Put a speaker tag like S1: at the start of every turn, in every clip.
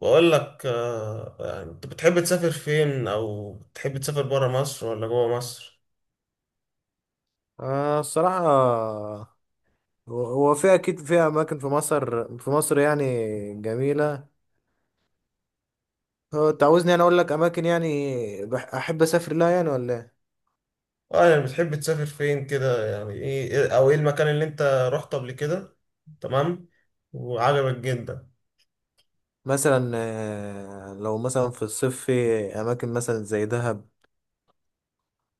S1: بقول لك آه، يعني انت بتحب تسافر فين او بتحب تسافر برا مصر ولا جوا مصر؟
S2: آه الصراحة. هو في أكيد في أماكن في مصر يعني جميلة. هو أنت عاوزني أنا أقول لك أماكن يعني أحب أسافر لها يعني ولا إيه؟
S1: اه يعني بتحب تسافر فين كده؟ يعني ايه او ايه المكان اللي انت رحته قبل كده؟ تمام، وعجبك جدا.
S2: مثلا لو مثلا في الصيف في أماكن مثلا زي دهب.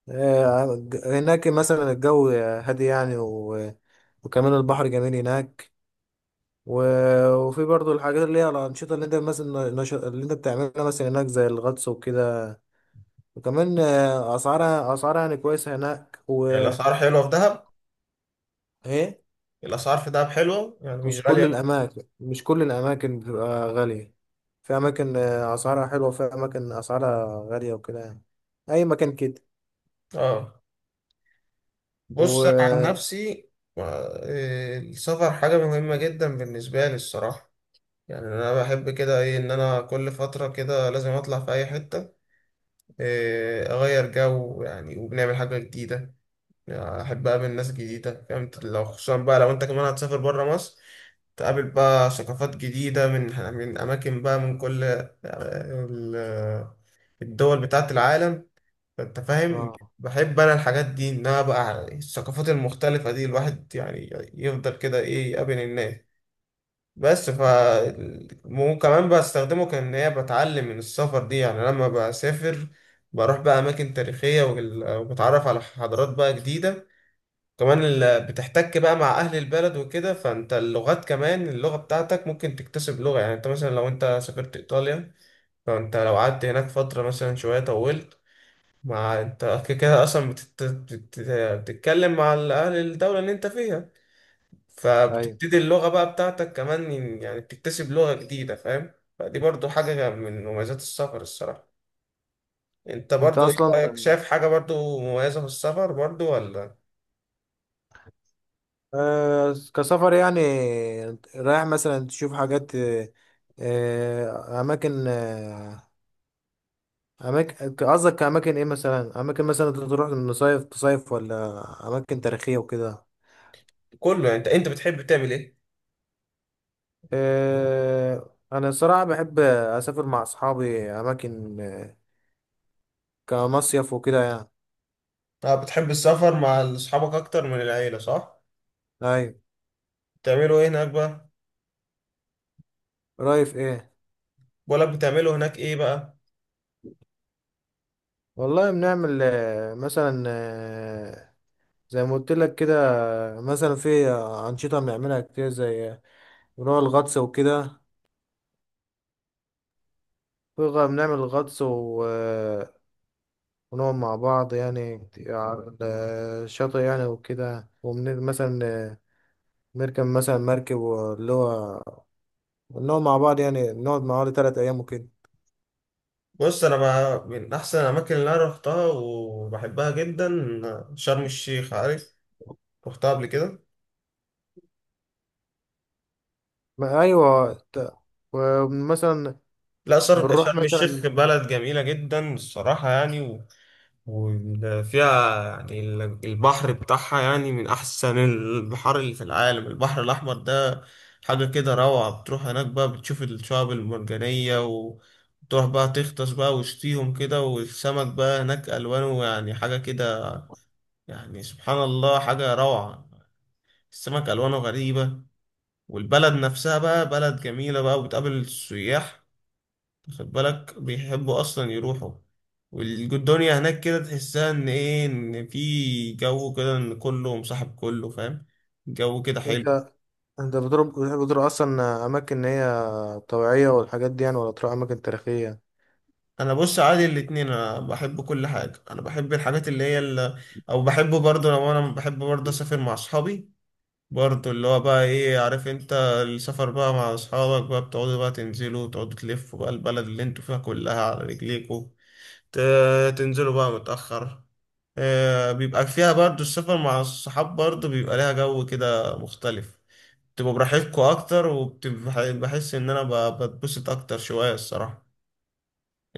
S2: هناك مثلا الجو هادي يعني. وكمان البحر جميل هناك. وفي برضو الحاجات اللي هي الأنشطة اللي أنت مثلا اللي أنت بتعملها مثلا هناك زي الغطس وكده. وكمان أسعارها يعني كويسة هناك.
S1: يعني الاسعار حلوه في دهب؟
S2: ايه،
S1: الاسعار في دهب حلوه يعني مش
S2: مش كل
S1: غاليه.
S2: الاماكن بتبقى غاليه. في اماكن اسعارها حلوه، في اماكن اسعارها غاليه وكده يعني. اي مكان كده.
S1: اه. بص انا عن
S2: و،
S1: نفسي، آه، إيه، السفر حاجه مهمه جدا بالنسبه لي الصراحه. يعني انا بحب كده ايه ان انا كل فتره كده لازم اطلع في اي حته، إيه، اغير جو يعني وبنعمل حاجه جديده. يعني احب اقابل ناس جديده، فاهم؟ لو خصوصا بقى لو انت كمان هتسافر بره مصر، تقابل بقى ثقافات جديده من اماكن بقى من كل آه، الدول بتاعه العالم، فانت فاهم.
S2: اه،
S1: بحب انا الحاجات دي، انها بقى الثقافات المختلفه دي الواحد يعني يفضل كده ايه يقابل الناس. بس ف وكمان بستخدمه كان هي بتعلم من السفر دي. يعني لما بسافر بروح بقى اماكن تاريخيه وبتعرف على حضارات بقى جديده كمان. بتحتك بقى مع اهل البلد وكده، فانت اللغات كمان، اللغه بتاعتك ممكن تكتسب لغه. يعني انت مثلا لو انت سافرت ايطاليا، فانت لو قعدت هناك فتره مثلا شويه طولت، مع انت كده كده اصلا بتتكلم مع اهل الدوله اللي انت فيها،
S2: ايوه.
S1: فبتبتدي اللغة بقى بتاعتك كمان. يعني بتكتسب لغة جديدة، فاهم؟ فدي برضو حاجة من مميزات السفر الصراحة. انت
S2: انت
S1: برضو ايه
S2: اصلا
S1: رأيك؟ شايف حاجة برضو مميزة في السفر برضو ولا؟
S2: آه كسفر يعني رايح مثلا تشوف حاجات اماكن. اماكن قصدك اماكن ايه؟ مثلا اماكن مثلا تروح تصيف ولا اماكن تاريخيه وكده.
S1: كله يعني، انت بتحب تعمل ايه؟
S2: انا صراحة بحب اسافر مع اصحابي اماكن، كمصيف وكده يعني.
S1: طب بتحب السفر مع اصحابك اكتر من العيلة، صح؟
S2: ايوه.
S1: بتعملوا ايه هناك بقى؟
S2: رايف ايه.
S1: بقولك بتعملوا هناك ايه بقى؟
S2: والله بنعمل مثلا، زي ما قلت لك كده. مثلا في انشطة بنعملها كتير زي بنروح الغطس وكده. بنعمل غطس ونقعد مع بعض يعني كتير على الشاطئ يعني وكده، ومثلا نركب مثلا مركب اللي هو نقعد مع بعض، يعني نقعد مع بعض تلات أيام وكده.
S1: بص انا بقى من احسن الاماكن اللي انا رحتها وبحبها جدا شرم الشيخ، عارف؟ رحتها قبل كده.
S2: ما ايوه، ومثلا
S1: لا،
S2: بنروح
S1: شرم الشيخ
S2: مثلا.
S1: بلد جميلة جدا الصراحة يعني، وفيها يعني البحر بتاعها يعني من أحسن البحار اللي في العالم، البحر الأحمر ده حاجة كده روعة. بتروح هناك بقى بتشوف الشعاب المرجانية، وتروح بقى تغطس بقى وسطيهم كده، والسمك بقى هناك ألوانه يعني حاجة كده، يعني سبحان الله حاجة روعة. السمك ألوانه غريبة. والبلد نفسها بقى بلد جميلة بقى، وبتقابل السياح، خد بالك بيحبوا اصلا يروحوا. والدنيا هناك كده تحسها ان ايه ان في جو كده ان كله مصاحب كله، فاهم؟ جو كده حلو.
S2: انت انت بتحب تضرب اصلا اماكن هي طبيعيه والحاجات دي يعني، ولا تروح اماكن تاريخيه؟
S1: انا بص عادي الاتنين، انا بحب كل حاجه. انا بحب الحاجات اللي هي اللي او بحب برضه، لو انا بحب برضه اسافر مع اصحابي برضه، اللي هو بقى ايه، عارف انت؟ السفر بقى مع اصحابك بقى بتقعدوا بقى تنزلوا وتقعدوا تلفوا بقى البلد اللي انتوا فيها كلها على رجليكوا، تنزلوا بقى متأخر. آه، بيبقى فيها برضو السفر مع الصحاب برضو بيبقى ليها جو كده مختلف، تبقوا براحتكوا أكتر. وبحس إن أنا بتبسط أكتر شوية الصراحة.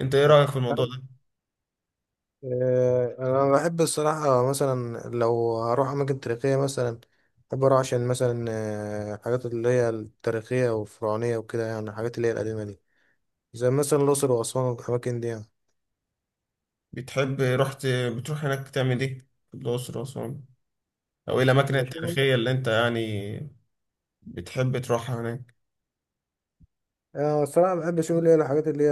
S1: أنت إيه رأيك في الموضوع
S2: فاهم؟
S1: ده؟
S2: انا بحب الصراحه مثلا لو هروح اماكن تاريخيه، مثلا بحب اروح عشان مثلا الحاجات اللي هي التاريخيه والفرعونيه وكده، يعني الحاجات اللي هي القديمه دي زي مثلا الاقصر واسوان والاماكن دي يعني.
S1: بتحب رحت، بتروح هناك تعمل إيه؟ في الأقصر وأسوان، أو إيه الأماكن
S2: بشوف.
S1: التاريخية اللي أنت يعني بتحب تروحها هناك؟
S2: أنا الصراحة بحب أشوف اللي هي الحاجات اللي هي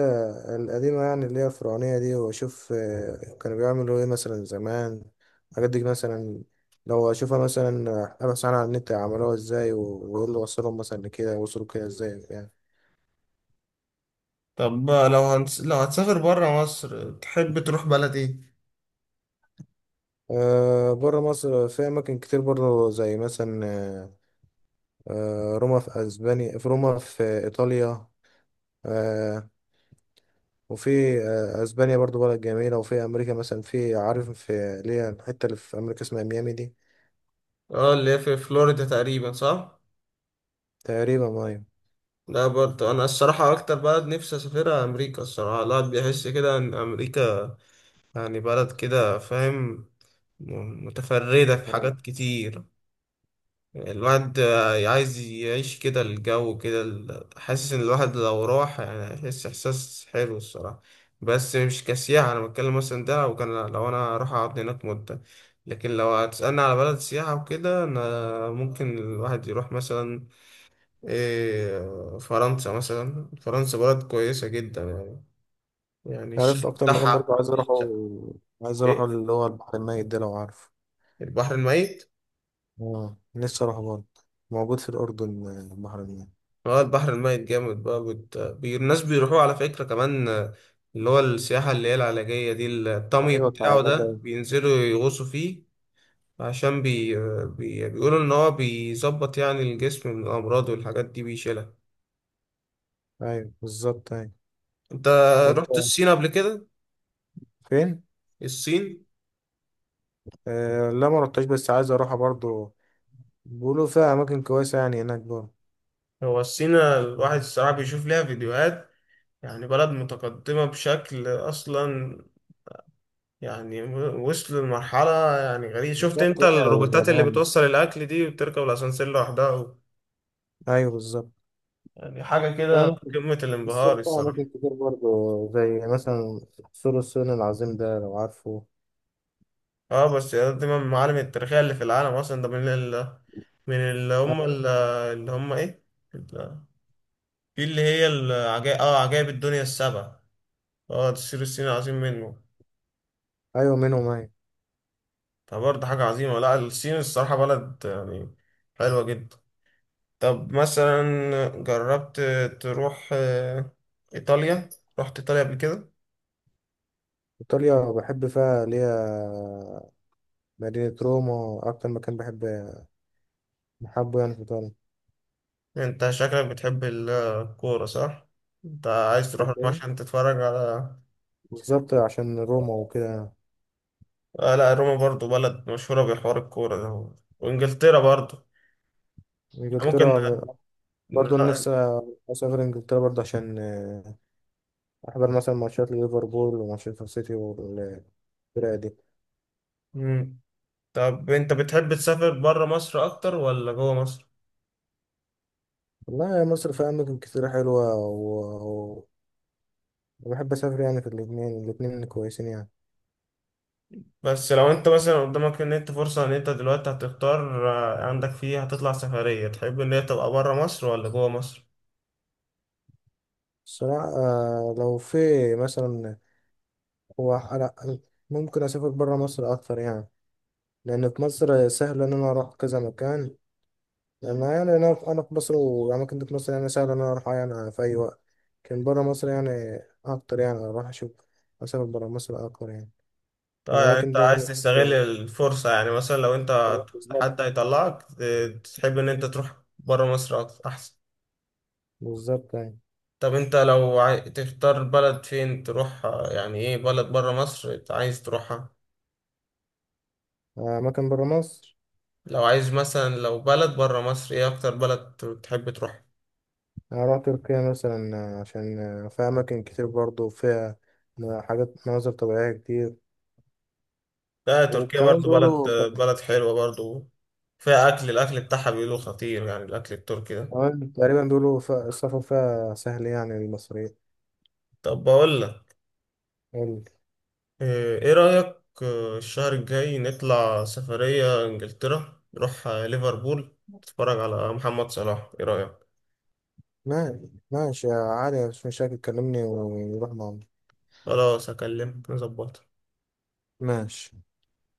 S2: القديمة، يعني اللي هي الفرعونية دي، وأشوف كانوا بيعملوا إيه مثلا زمان الحاجات دي مثلا. لو أشوفها مثلا أبحث عنها على النت عملوها إزاي، وإيه اللي وصلهم مثلا لكده، وصلوا كده إزاي يعني.
S1: طب لو هتسافر برا مصر تحب تروح بلد إيه؟
S2: أه بره مصر في أماكن كتير برضه زي مثلا روما في أسبانيا، في روما في إيطاليا. أه. وفي أسبانيا برضه بلد جميلة، وفي أمريكا مثلا، في عارف في اللي هي الحتة اللي في أمريكا اسمها ميامي دي.
S1: اه اللي هي في فلوريدا تقريبا، صح؟
S2: تقريبا أيوة.
S1: لا، برضه انا الصراحه اكتر بلد نفسي اسافرها امريكا الصراحه. الواحد بيحس كده ان امريكا يعني بلد كده، فاهم؟ متفرده في
S2: مم.
S1: حاجات كتير. الواحد عايز يعيش كده الجو كده، حاسس ان الواحد لو راح يعني هيحس احساس حلو الصراحه. بس مش كسياحه انا بتكلم، مثلا ده لو كان لو انا راح اقعد هناك مده. لكن لو هتسالني على بلد سياحه وكده، انا ممكن الواحد يروح مثلا إيه، فرنسا. مثلا فرنسا بلد كويسة جدا يعني، يعني الشعب
S2: عارف اكتر مكان برضه
S1: بتاعها.
S2: عايز اروحه،
S1: إيه؟
S2: اللي هو البحر الميت ده لو عارف.
S1: البحر الميت؟
S2: اه لسه اروحه برضه، موجود في الاردن البحر الميت.
S1: اه البحر الميت جامد بقى. الناس بيروحوا على فكرة كمان آه، اللي هو السياحة اللي هي العلاجية دي، الطمي
S2: ايوه
S1: بتاعه
S2: كعيله
S1: ده
S2: جاي.
S1: بينزلوا يغوصوا فيه، عشان بيقولوا إن هو بيظبط يعني الجسم من الأمراض والحاجات دي بيشيلها.
S2: ايوه بالظبط ايوه.
S1: أنت
S2: وانت
S1: رحت الصين قبل كده؟
S2: فين؟
S1: الصين.
S2: آه لا ما رحتش، بس عايز اروحها برضه. بيقولوا فيها اماكن كويسه يعني هناك برضه.
S1: هو الصين الواحد الصراحة بيشوف ليها فيديوهات، يعني بلد متقدمة بشكل أصلا يعني، وصلوا لمرحلة يعني غريبة. شفت
S2: بالظبط،
S1: أنت
S2: هي
S1: الروبوتات اللي
S2: واليابان.
S1: بتوصل الأكل دي وبتركب الأسانسير لوحدها و-؟
S2: ايوه بالظبط.
S1: يعني حاجة
S2: في
S1: كده
S2: اماكن،
S1: في قمة
S2: الصين
S1: الانبهار
S2: فيها اماكن
S1: الصراحة.
S2: كتير برضه زي مثلا سور الصين العظيم ده لو عارفه.
S1: اه بس دي من المعالم التاريخية اللي في العالم أصلا. ده من ال من اللي هم
S2: ايوه
S1: ال- اللي هم إيه؟ ال- في اللي هي العجائب، اه عجائب الدنيا السبع. اه السور الصيني عظيم منه.
S2: أيوة منهم ايوه.
S1: فبرضه حاجة عظيمة. لا الصين الصراحة بلد يعني حلوة جدا. طب مثلا جربت تروح آه، إيطاليا؟ رحت إيطاليا قبل كده؟
S2: إيطاليا بحب فيها اللي هي مدينة روما، أكتر مكان بحب بحبه يعني في إيطاليا.
S1: انت شكلك بتحب الكورة، صح؟ انت عايز تروح
S2: بحب
S1: روما
S2: إيه؟
S1: عشان تتفرج على...
S2: بالظبط عشان روما وكده.
S1: آه لا، روما برضو بلد مشهورة بحوار الكورة ده، وانجلترا برضو. ممكن
S2: إنجلترا برضه
S1: نرا-
S2: نفسي أسافر إنجلترا برضه عشان أحضر مثلا ماتشات ليفربول ومانشستر سيتي والفرق دي.
S1: مم. طب انت بتحب تسافر برا مصر اكتر ولا جوه مصر؟
S2: والله يا مصر فيها أماكن كتير حلوة، و- وبحب أسافر يعني في الاتنين، الاتنين كويسين يعني.
S1: بس لو انت مثلا قدامك ان انت فرصة ان انت دلوقتي هتختار آه، عندك فيه هتطلع سفرية، تحب ان هي تبقى برا مصر ولا جوه مصر؟
S2: الصراحة لو في مثلا هو على- ممكن أسافر برا مصر أكتر يعني. لأن في مصر سهل إن أنا أروح كذا مكان، أنا يعني أنا في مصر، وأماكن دي في مصر يعني سهل إن أنا أروح يعني في أي وقت. لكن برا مصر يعني أكتر، يعني أروح أشوف، أسافر برا مصر أكتر يعني
S1: طيب
S2: في
S1: يعني
S2: الأماكن
S1: انت
S2: دي
S1: عايز
S2: يعني.
S1: تستغل الفرصة، يعني مثلا لو انت
S2: بالظبط.
S1: حد هيطلعك، تحب ان انت تروح برا مصر اكتر احسن.
S2: بالظبط يعني.
S1: طب انت تختار بلد فين تروح، يعني ايه بلد برا مصر انت عايز تروحها؟
S2: أماكن برا مصر.
S1: لو عايز مثلا لو بلد برا مصر ايه اكتر بلد تحب تروح؟
S2: أنا أروح تركيا مثلا عشان فيها أماكن كتير برضه، وفيها حاجات مناظر طبيعية كتير.
S1: لا تركيا
S2: وكمان
S1: برضو بلد،
S2: بيقولوا،
S1: بلد حلوة برضو. فيها اكل، الاكل بتاعها بيقولوا خطير، يعني الاكل التركي ده.
S2: كمان تقريبا بيقولوا فيها، السفر فيها سهل يعني للمصريين.
S1: طب بقول لك، إيه إيه رأيك آه، الشهر الجاي نطلع سفرية إنجلترا، نروح آه، ليفربول، نتفرج على محمد صلاح، إيه رأيك؟
S2: ماشي ماشي يا علي مش مشاكل، كلمني ونروح معاهم.
S1: خلاص أكلمك نظبط.
S2: ماشي.